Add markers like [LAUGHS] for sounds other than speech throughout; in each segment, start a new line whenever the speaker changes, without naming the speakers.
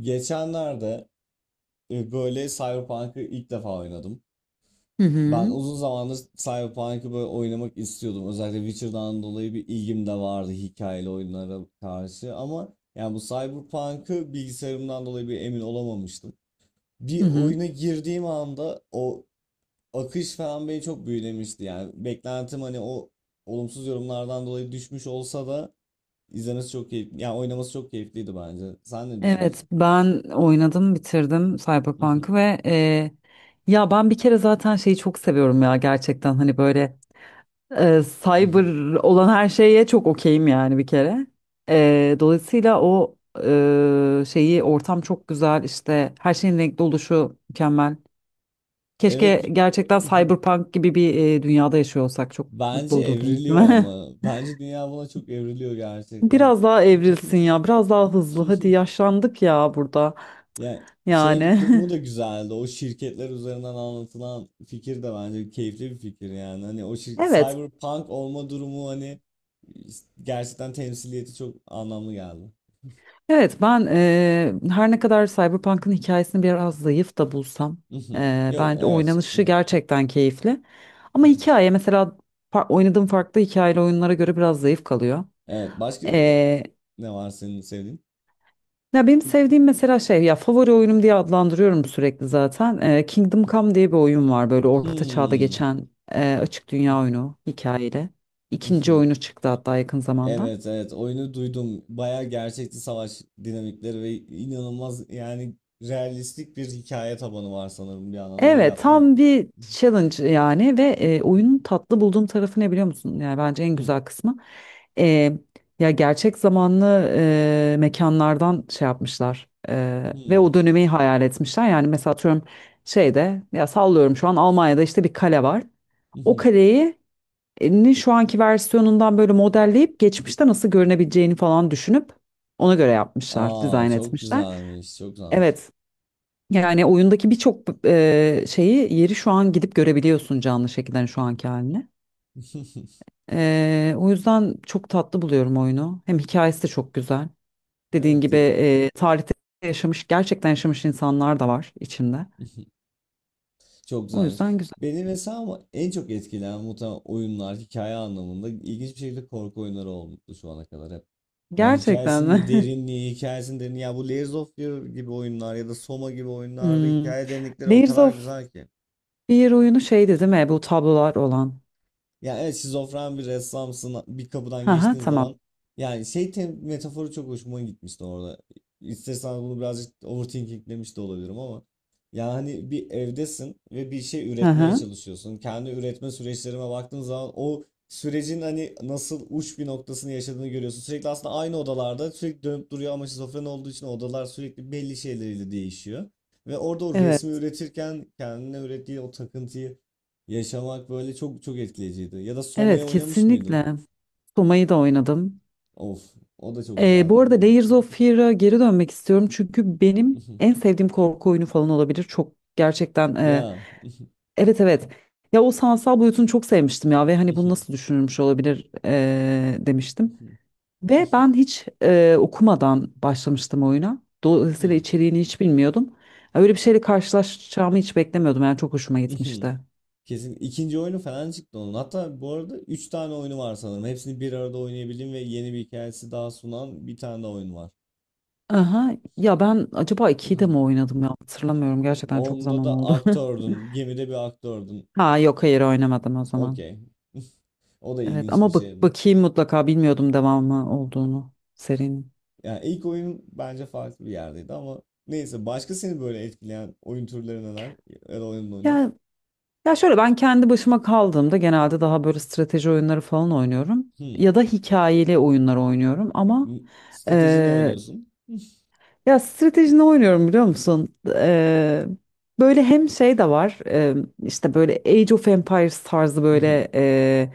Geçenlerde böyle Cyberpunk'ı ilk defa oynadım.
Hı
Ben
hı.
uzun zamandır Cyberpunk'ı böyle oynamak istiyordum. Özellikle Witcher'dan dolayı bir ilgim de vardı hikayeli oyunlara karşı. Ama yani bu Cyberpunk'ı bilgisayarımdan dolayı bir emin olamamıştım. Bir
Hı hı.
oyuna girdiğim anda o akış falan beni çok büyülemişti. Yani beklentim hani o olumsuz yorumlardan dolayı düşmüş olsa da izlemesi çok keyifli. Yani oynaması çok keyifliydi bence. Sen ne
Evet,
düşünüyorsun?
ben oynadım, bitirdim Cyberpunk'ı ve ya ben bir kere zaten şeyi çok seviyorum ya gerçekten hani böyle
[LAUGHS]
cyber olan her şeye çok okeyim yani bir kere. Dolayısıyla o şeyi ortam çok güzel işte her şeyin renkli oluşu mükemmel.
Evet.
Keşke
[LAUGHS]
gerçekten Cyberpunk gibi bir dünyada yaşıyor olsak çok mutlu
Bence
olurdum,
evriliyor
değil mi?
ama. Bence dünya buna çok evriliyor
[LAUGHS]
gerçekten.
Biraz daha evrilsin ya, biraz daha hızlı. Hadi
[LAUGHS]
yaşlandık ya burada.
Yani
Yani
şey durumu da güzeldi. O şirketler üzerinden anlatılan fikir de bence keyifli bir fikir yani. Hani o
[LAUGHS] evet.
cyberpunk olma durumu hani gerçekten temsiliyeti çok anlamlı geldi.
Evet ben her ne kadar Cyberpunk'ın hikayesini biraz zayıf da bulsam
[LAUGHS] Yok
bence
evet.
oynanışı
[LAUGHS]
gerçekten keyifli. Ama hikaye mesela oynadığım farklı hikayeli oyunlara göre biraz zayıf kalıyor.
Evet başka
Eee,
ne var senin sevdiğin?
ya benim sevdiğim mesela şey ya favori oyunum diye adlandırıyorum sürekli zaten. Kingdom Come diye bir oyun var böyle orta çağda
Hmm.
geçen açık dünya oyunu hikayeli. İkinci
[LAUGHS]
oyunu çıktı hatta yakın zamanda.
Evet evet oyunu duydum. Bayağı gerçekçi savaş dinamikleri ve inanılmaz yani realistik bir hikaye tabanı var sanırım bir yandan rol
Evet,
yapma.
tam bir challenge yani ve oyunun tatlı bulduğum tarafı ne biliyor musun? Yani bence en
Hmm,
güzel kısmı. E, ya gerçek zamanlı mekanlardan şey yapmışlar ve o
hmm,
dönemi hayal etmişler. Yani mesela atıyorum şeyde ya sallıyorum şu an Almanya'da işte bir kale var. O
[LAUGHS]
kaleyi şu anki versiyonundan böyle modelleyip geçmişte nasıl görünebileceğini falan düşünüp ona göre yapmışlar,
Aa
dizayn
çok
etmişler.
güzelmiş çok güzelmiş.
Evet. Yani oyundaki birçok şeyi yeri şu an gidip görebiliyorsun canlı şekilde hani şu anki haline.
[LAUGHS]
O yüzden çok tatlı buluyorum oyunu. Hem hikayesi de çok güzel. Dediğin
Evet.
gibi tarihte yaşamış, gerçekten yaşamış insanlar da var içinde.
[LAUGHS] Çok
O
güzelmiş.
yüzden güzel.
Beni mesela ama en çok etkileyen muhtemelen oyunlar hikaye anlamında ilginç bir şekilde korku oyunları olmuştu şu ana kadar hep. Yani
Gerçekten
hikayesinin
mi? [LAUGHS]
derinliği, hikayesinin derinliği. Ya bu Layers of Fear gibi oyunlar ya da Soma gibi oyunlarda
Hmm.
hikaye derinlikleri o
Layers
kadar
of
güzel ki.
Fear oyunu şeydi değil mi? Bu tablolar olan.
Yani evet şizofren bir ressamsın bir kapıdan
Hı hı,
geçtiğin zaman
tamam.
yani şey metaforu çok hoşuma gitmişti orada. İstersen bunu birazcık overthinkinglemiş de olabilirim ama yani bir evdesin ve bir şey
Hı
üretmeye
hı.
çalışıyorsun. Kendi üretme süreçlerime baktığın zaman o sürecin hani nasıl uç bir noktasını yaşadığını görüyorsun. Sürekli aslında aynı odalarda sürekli dönüp duruyor ama şizofren olduğu için odalar sürekli belli şeyleriyle değişiyor. Ve orada o resmi
Evet.
üretirken kendine ürettiği o takıntıyı yaşamak böyle çok çok etkileyiciydi. Ya da Soma'ya
Evet,
oynamış mıydın?
kesinlikle. Soma'yı da oynadım.
Of, o da çok
Bu
güzeldi değil
arada
mi?
Layers of Fear'a geri dönmek istiyorum çünkü benim en
[LAUGHS]
sevdiğim korku oyunu falan olabilir. Çok gerçekten e,
Ya.
evet evet. Ya o sanatsal boyutunu çok sevmiştim ya ve hani bu nasıl düşünülmüş olabilir demiştim. Ve ben
[LAUGHS]
hiç okumadan başlamıştım oyuna. Dolayısıyla içeriğini hiç bilmiyordum. Öyle bir şeyle karşılaşacağımı hiç beklemiyordum. Yani çok hoşuma gitmişti.
Kesin ikinci oyunu falan çıktı onun. Hatta bu arada 3 tane oyunu var sanırım. Hepsini bir arada oynayabildiğim ve yeni bir hikayesi daha sunan bir tane daha oyun var.
Aha, ya ben acaba 2'yi de mi
[LAUGHS]
oynadım ya hatırlamıyorum. Gerçekten çok
Onda
zaman
da
oldu. [LAUGHS]
aktördün. Gemide bir aktördün.
Ha yok, hayır, oynamadım o zaman.
Okey. O da
Evet
ilginç bir
ama bak
şeydi.
bakayım mutlaka, bilmiyordum devamı olduğunu serinin.
Yani ilk oyun bence farklı bir yerdeydi ama neyse başka seni böyle etkileyen oyun türleri neler? Ya da oyun oynar.
Ya ya şöyle, ben kendi başıma kaldığımda genelde daha böyle strateji oyunları falan oynuyorum
Hmm.
ya da hikayeli oyunlar oynuyorum ama
M- Strateji ne
eee,
oynuyorsun?
ya stratejini oynuyorum biliyor musun? Böyle hem şey de var işte böyle Age of Empires tarzı böyle
Mhm,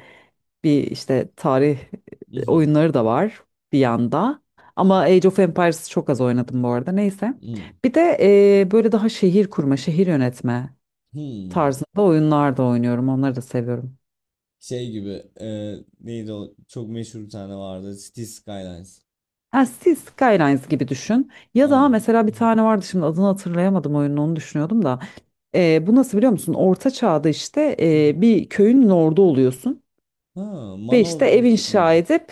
bir işte tarih
mhm,
oyunları da var bir yanda. Ama Age of Empires çok az oynadım bu arada, neyse.
mhm,
Bir de böyle daha şehir kurma, şehir yönetme
hmm.
tarzında oyunlar da oynuyorum. Onları da seviyorum.
Şey gibi neydi o çok meşhur bir tane vardı City Skylines.
Ha, siz Skylines gibi düşün. Ya da
Anladım.
mesela bir
Mhm,
tane vardı şimdi adını hatırlayamadım oyunun, onu düşünüyordum da. Bu nasıl biliyor musun? Orta çağda işte
mhm.
bir köyün lordu oluyorsun.
Ha,
Ve
Manor
işte ev
Lords mu?
inşa edip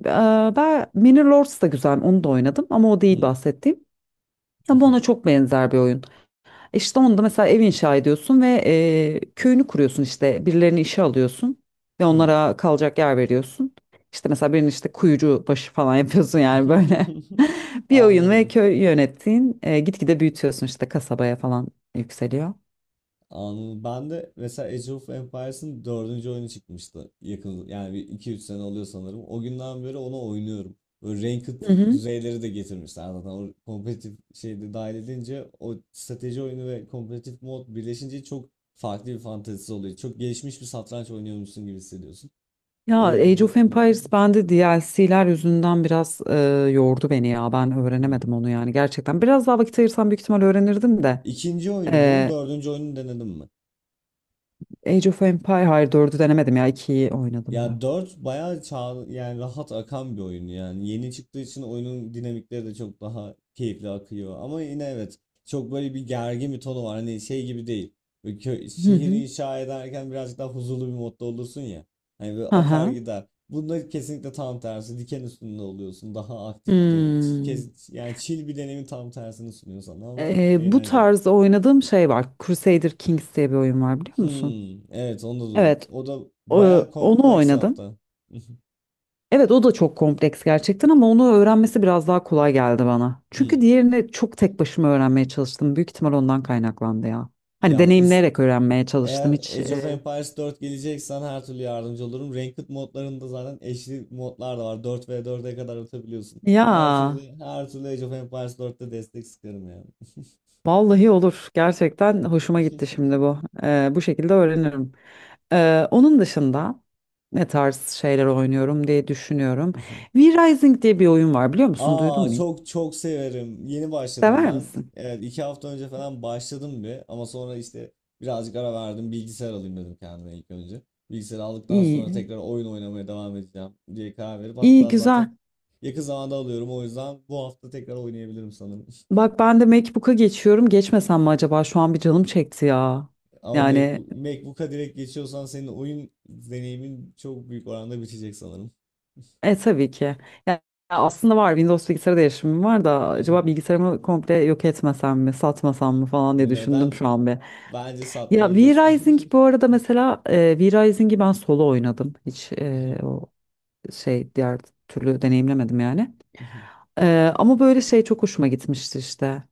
e, ben Mini Lords da güzel, onu da oynadım ama o değil
Hmm,
bahsettiğim. Ama ona
mhm,
çok benzer bir oyun. İşte onda mesela ev inşa ediyorsun ve köyünü kuruyorsun, işte birilerini işe alıyorsun ve
hmm.
onlara kalacak yer veriyorsun. İşte mesela birinin işte kuyucu başı falan [LAUGHS] yapıyorsun yani böyle
[LAUGHS]
[LAUGHS] bir oyun, ve
Anladım.
köy yönettiğin gitgide büyütüyorsun işte, kasabaya falan yükseliyor.
Anladım. Ben de mesela Age of Empires'ın dördüncü oyunu çıkmıştı. Yakın yani bir iki üç sene oluyor sanırım. O günden beri ona oynuyorum. Böyle ranked
Hı hı.
düzeyleri de getirmişler zaten. O kompetitif şeyi de dahil edince o strateji oyunu ve kompetitif mod birleşince çok farklı bir fantezisi oluyor. Çok gelişmiş bir satranç oynuyormuşsun gibi hissediyorsun.
Ya Age
Eğlenceli
of
oluyor.
Empires bende DLC'ler yüzünden biraz yordu beni ya, ben
Hmm.
öğrenemedim onu yani, gerçekten biraz daha vakit ayırsam büyük ihtimal öğrenirdim de
İkinci oyunu mu,
e,
dördüncü oyunu denedin mi?
Age of Empire, hayır, 4'ü denemedim ya, 2'yi oynadım
Ya
ben.
4 bayağı çağ, yani rahat akan bir oyun yani. Yeni çıktığı için oyunun dinamikleri de çok daha keyifli akıyor. Ama yine evet çok böyle bir gergin bir tonu var. Hani şey gibi değil. Böyle
Hı
şehir
hı.
inşa ederken birazcık daha huzurlu bir modda olursun ya. Hani böyle akar
Aha.
gider. Bunda kesinlikle tam tersi. Diken üstünde oluyorsun. Daha aktif bir deneyim.
Hmm.
Kes, yani chill bir deneyimin tam tersini sunuyor sana ama
Bu
eğlenceli.
tarzda oynadığım şey var. Crusader Kings diye bir oyun var biliyor musun?
Hmm, evet onu da duydum.
Evet,
O da bayağı
onu
kompleks
oynadım.
hatta. [LAUGHS]
Evet, o da çok kompleks gerçekten ama onu öğrenmesi biraz daha kolay geldi bana. Çünkü
Hmm.
diğerini çok tek başıma öğrenmeye çalıştım. Büyük ihtimal ondan kaynaklandı ya. Hani
Ya is-
deneyimleyerek öğrenmeye
Eğer
çalıştım hiç.
Age of Empires 4 geleceksen her türlü yardımcı olurum. Ranked modlarında zaten eşli modlar da var. 4v4'e kadar atabiliyorsun.
Ya
Her türlü Age of Empires 4'te destek sıkarım yani.
vallahi olur. Gerçekten hoşuma gitti şimdi bu. Bu şekilde öğrenirim. Onun dışında ne tarz şeyler oynuyorum diye düşünüyorum.
[LAUGHS]
V-Rising diye bir oyun var biliyor musun? Duydun
Aa
mu hiç?
çok çok severim. Yeni başladım
Sever
ben.
misin?
Evet 2 hafta önce falan başladım bir ama sonra işte birazcık ara verdim. Bilgisayar alayım dedim kendime ilk önce. Bilgisayar aldıktan sonra
İyi.
tekrar oyun oynamaya devam edeceğim diye karar verip
İyi,
hatta zaten
güzel.
yakın zamanda alıyorum o yüzden bu hafta tekrar oynayabilirim sanırım.
Bak ben de MacBook'a geçiyorum. Geçmesem mi acaba? Şu an bir canım çekti ya.
[LAUGHS] Ama
Yani
MacBook'a direkt geçiyorsan senin oyun deneyimin çok büyük oranda bitecek sanırım.
tabii ki. Ya, aslında var, Windows bilgisayar değişimim var da acaba
[LAUGHS]
bilgisayarımı komple yok etmesem mi, satmasam mı falan diye düşündüm
Neden?
şu an bir.
Bence
Ya V-Rising
satmayabilirsin.
bu arada mesela V-Rising'i ben solo oynadım. Hiç o şey, diğer türlü deneyimlemedim yani.
[LAUGHS]
Ama böyle şey çok hoşuma gitmişti işte.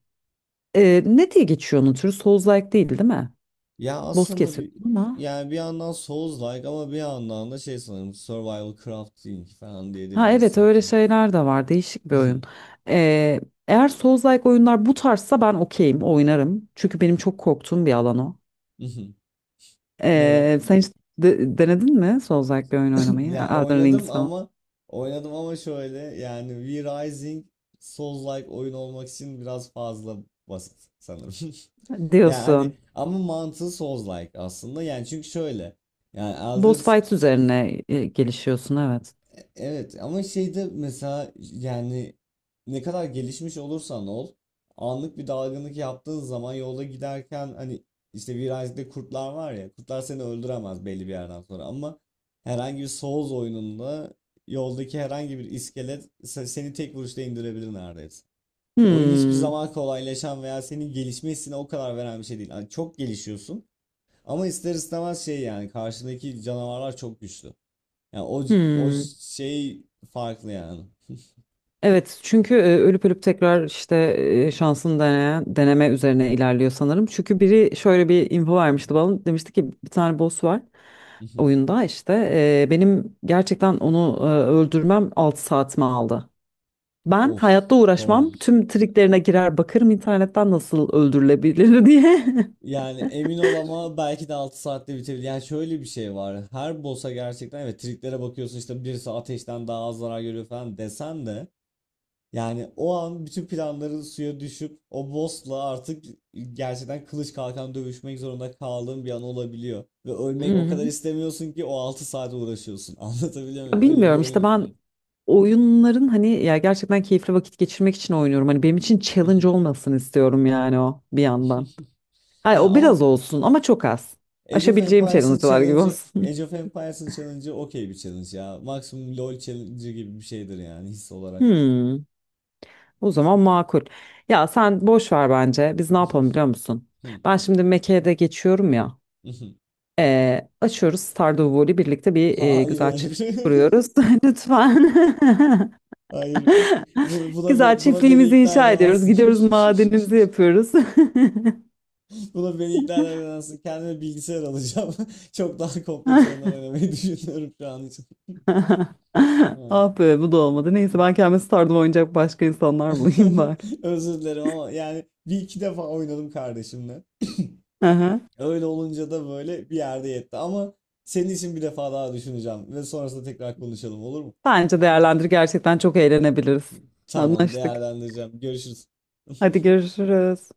Ne diye geçiyor onun türü? Souls-like değil, değil mi?
Ya
Boss
aslında bir
kesiyorsun ama.
yani bir yandan Souls-like ama bir yandan da şey sanırım Survival Crafting falan
Ha, evet,
diyebilirsin
öyle
sanırım.
şeyler de var. Değişik bir oyun. E, Eğer Souls-like oyunlar bu tarzsa ben okeyim, oynarım. Çünkü benim çok korktuğum bir alan o.
[LAUGHS] Neden?
Sen hiç denedin mi Souls-like bir oyun
[CLEARS THROAT]
oynamayı?
Ya
Elden Ring
oynadım
falan.
ama şöyle yani V Rising Souls-like oyun olmak için biraz fazla basit sanırım. [LAUGHS] Yani hani
Diyorsun.
ama mantığı Souls-like aslında. Yani çünkü şöyle yani Elder
Boss fight üzerine gelişiyorsun, evet.
Evet ama şeyde mesela yani ne kadar gelişmiş olursan ol anlık bir dalgınlık yaptığın zaman yolda giderken hani işte virajda kurtlar var ya kurtlar seni öldüremez belli bir yerden sonra ama herhangi bir Souls oyununda yoldaki herhangi bir iskelet seni tek vuruşta indirebilir neredeyse. Oyun hiçbir
Hmm.
zaman kolaylaşan veya senin gelişme hissine o kadar veren bir şey değil. Hani çok gelişiyorsun ama ister istemez şey yani karşındaki canavarlar çok güçlü. Yani o
Hmm.
şey farklı yani.
Evet, çünkü ölüp ölüp tekrar işte şansını deneyen, deneme üzerine ilerliyor sanırım. Çünkü biri şöyle bir info vermişti bana. Demişti ki bir tane boss var
[LAUGHS]
oyunda işte. Benim gerçekten onu öldürmem 6 saatimi aldı. Ben
Of,
hayatta uğraşmam.
korkunç.
Tüm triklerine girer bakarım internetten nasıl öldürülebilir [LAUGHS] diye.
Yani emin ol ama belki de 6 saatte bitebilir. Yani şöyle bir şey var. Her boss'a gerçekten evet triklere bakıyorsun işte birisi ateşten daha az zarar görüyor falan desen de yani o an bütün planların suya düşüp o boss'la artık gerçekten kılıç kalkan dövüşmek zorunda kaldığın bir an olabiliyor. Ve
Hı
ölmek o kadar
hı.
istemiyorsun ki o 6 saate uğraşıyorsun. [LAUGHS] Anlatabiliyor
Ya
muyum? Öyle bir
bilmiyorum işte,
oyun
ben oyunların hani, ya gerçekten keyifli vakit geçirmek için oynuyorum. Hani benim için challenge
yani.
olmasın istiyorum yani, o bir yandan.
[LAUGHS]
Hayır,
Ya
o
ama
biraz olsun ama çok az.
Age of
Aşabileceğim
Empires'ın
challenge'lar gibi
challenge'ı
olsun.
Age of Empires'ın challenge'ı okey bir challenge ya. Maksimum LoL challenge'ı gibi bir şeydir yani his
[LAUGHS]
olarak.
Hmm. O zaman makul. Ya sen boş ver bence. Biz ne yapalım biliyor
[LAUGHS]
musun? Ben şimdi Mekke'ye de geçiyorum ya. Açıyoruz Stardew Valley birlikte bir güzel
Hayır.
çift kuruyoruz.
[LAUGHS]
[LAUGHS] Lütfen. [LAUGHS]
Hayır. Buna, buna,
Güzel
be- buna beni
çiftliğimizi
ikna
inşa ediyoruz.
edemezsin.
Gidiyoruz madenimizi yapıyoruz.
[LAUGHS] Buna beni ikna edemezsin. Kendime bilgisayar alacağım. [LAUGHS] Çok daha kompleks oyunlar
[LAUGHS]
oynamayı düşünüyorum şu an için.
Ah be, bu da olmadı. Neyse, ben kendime Stardew oynayacak başka insanlar bulayım bari.
[LAUGHS] Özür dilerim ama yani bir iki defa oynadım kardeşimle.
Aha.
Öyle olunca da böyle bir yerde yetti ama senin için bir defa daha düşüneceğim ve sonrasında tekrar konuşalım olur mu?
Bence değerlendir, gerçekten çok eğlenebiliriz.
Tamam
Anlaştık.
değerlendireceğim. Görüşürüz.
Hadi görüşürüz.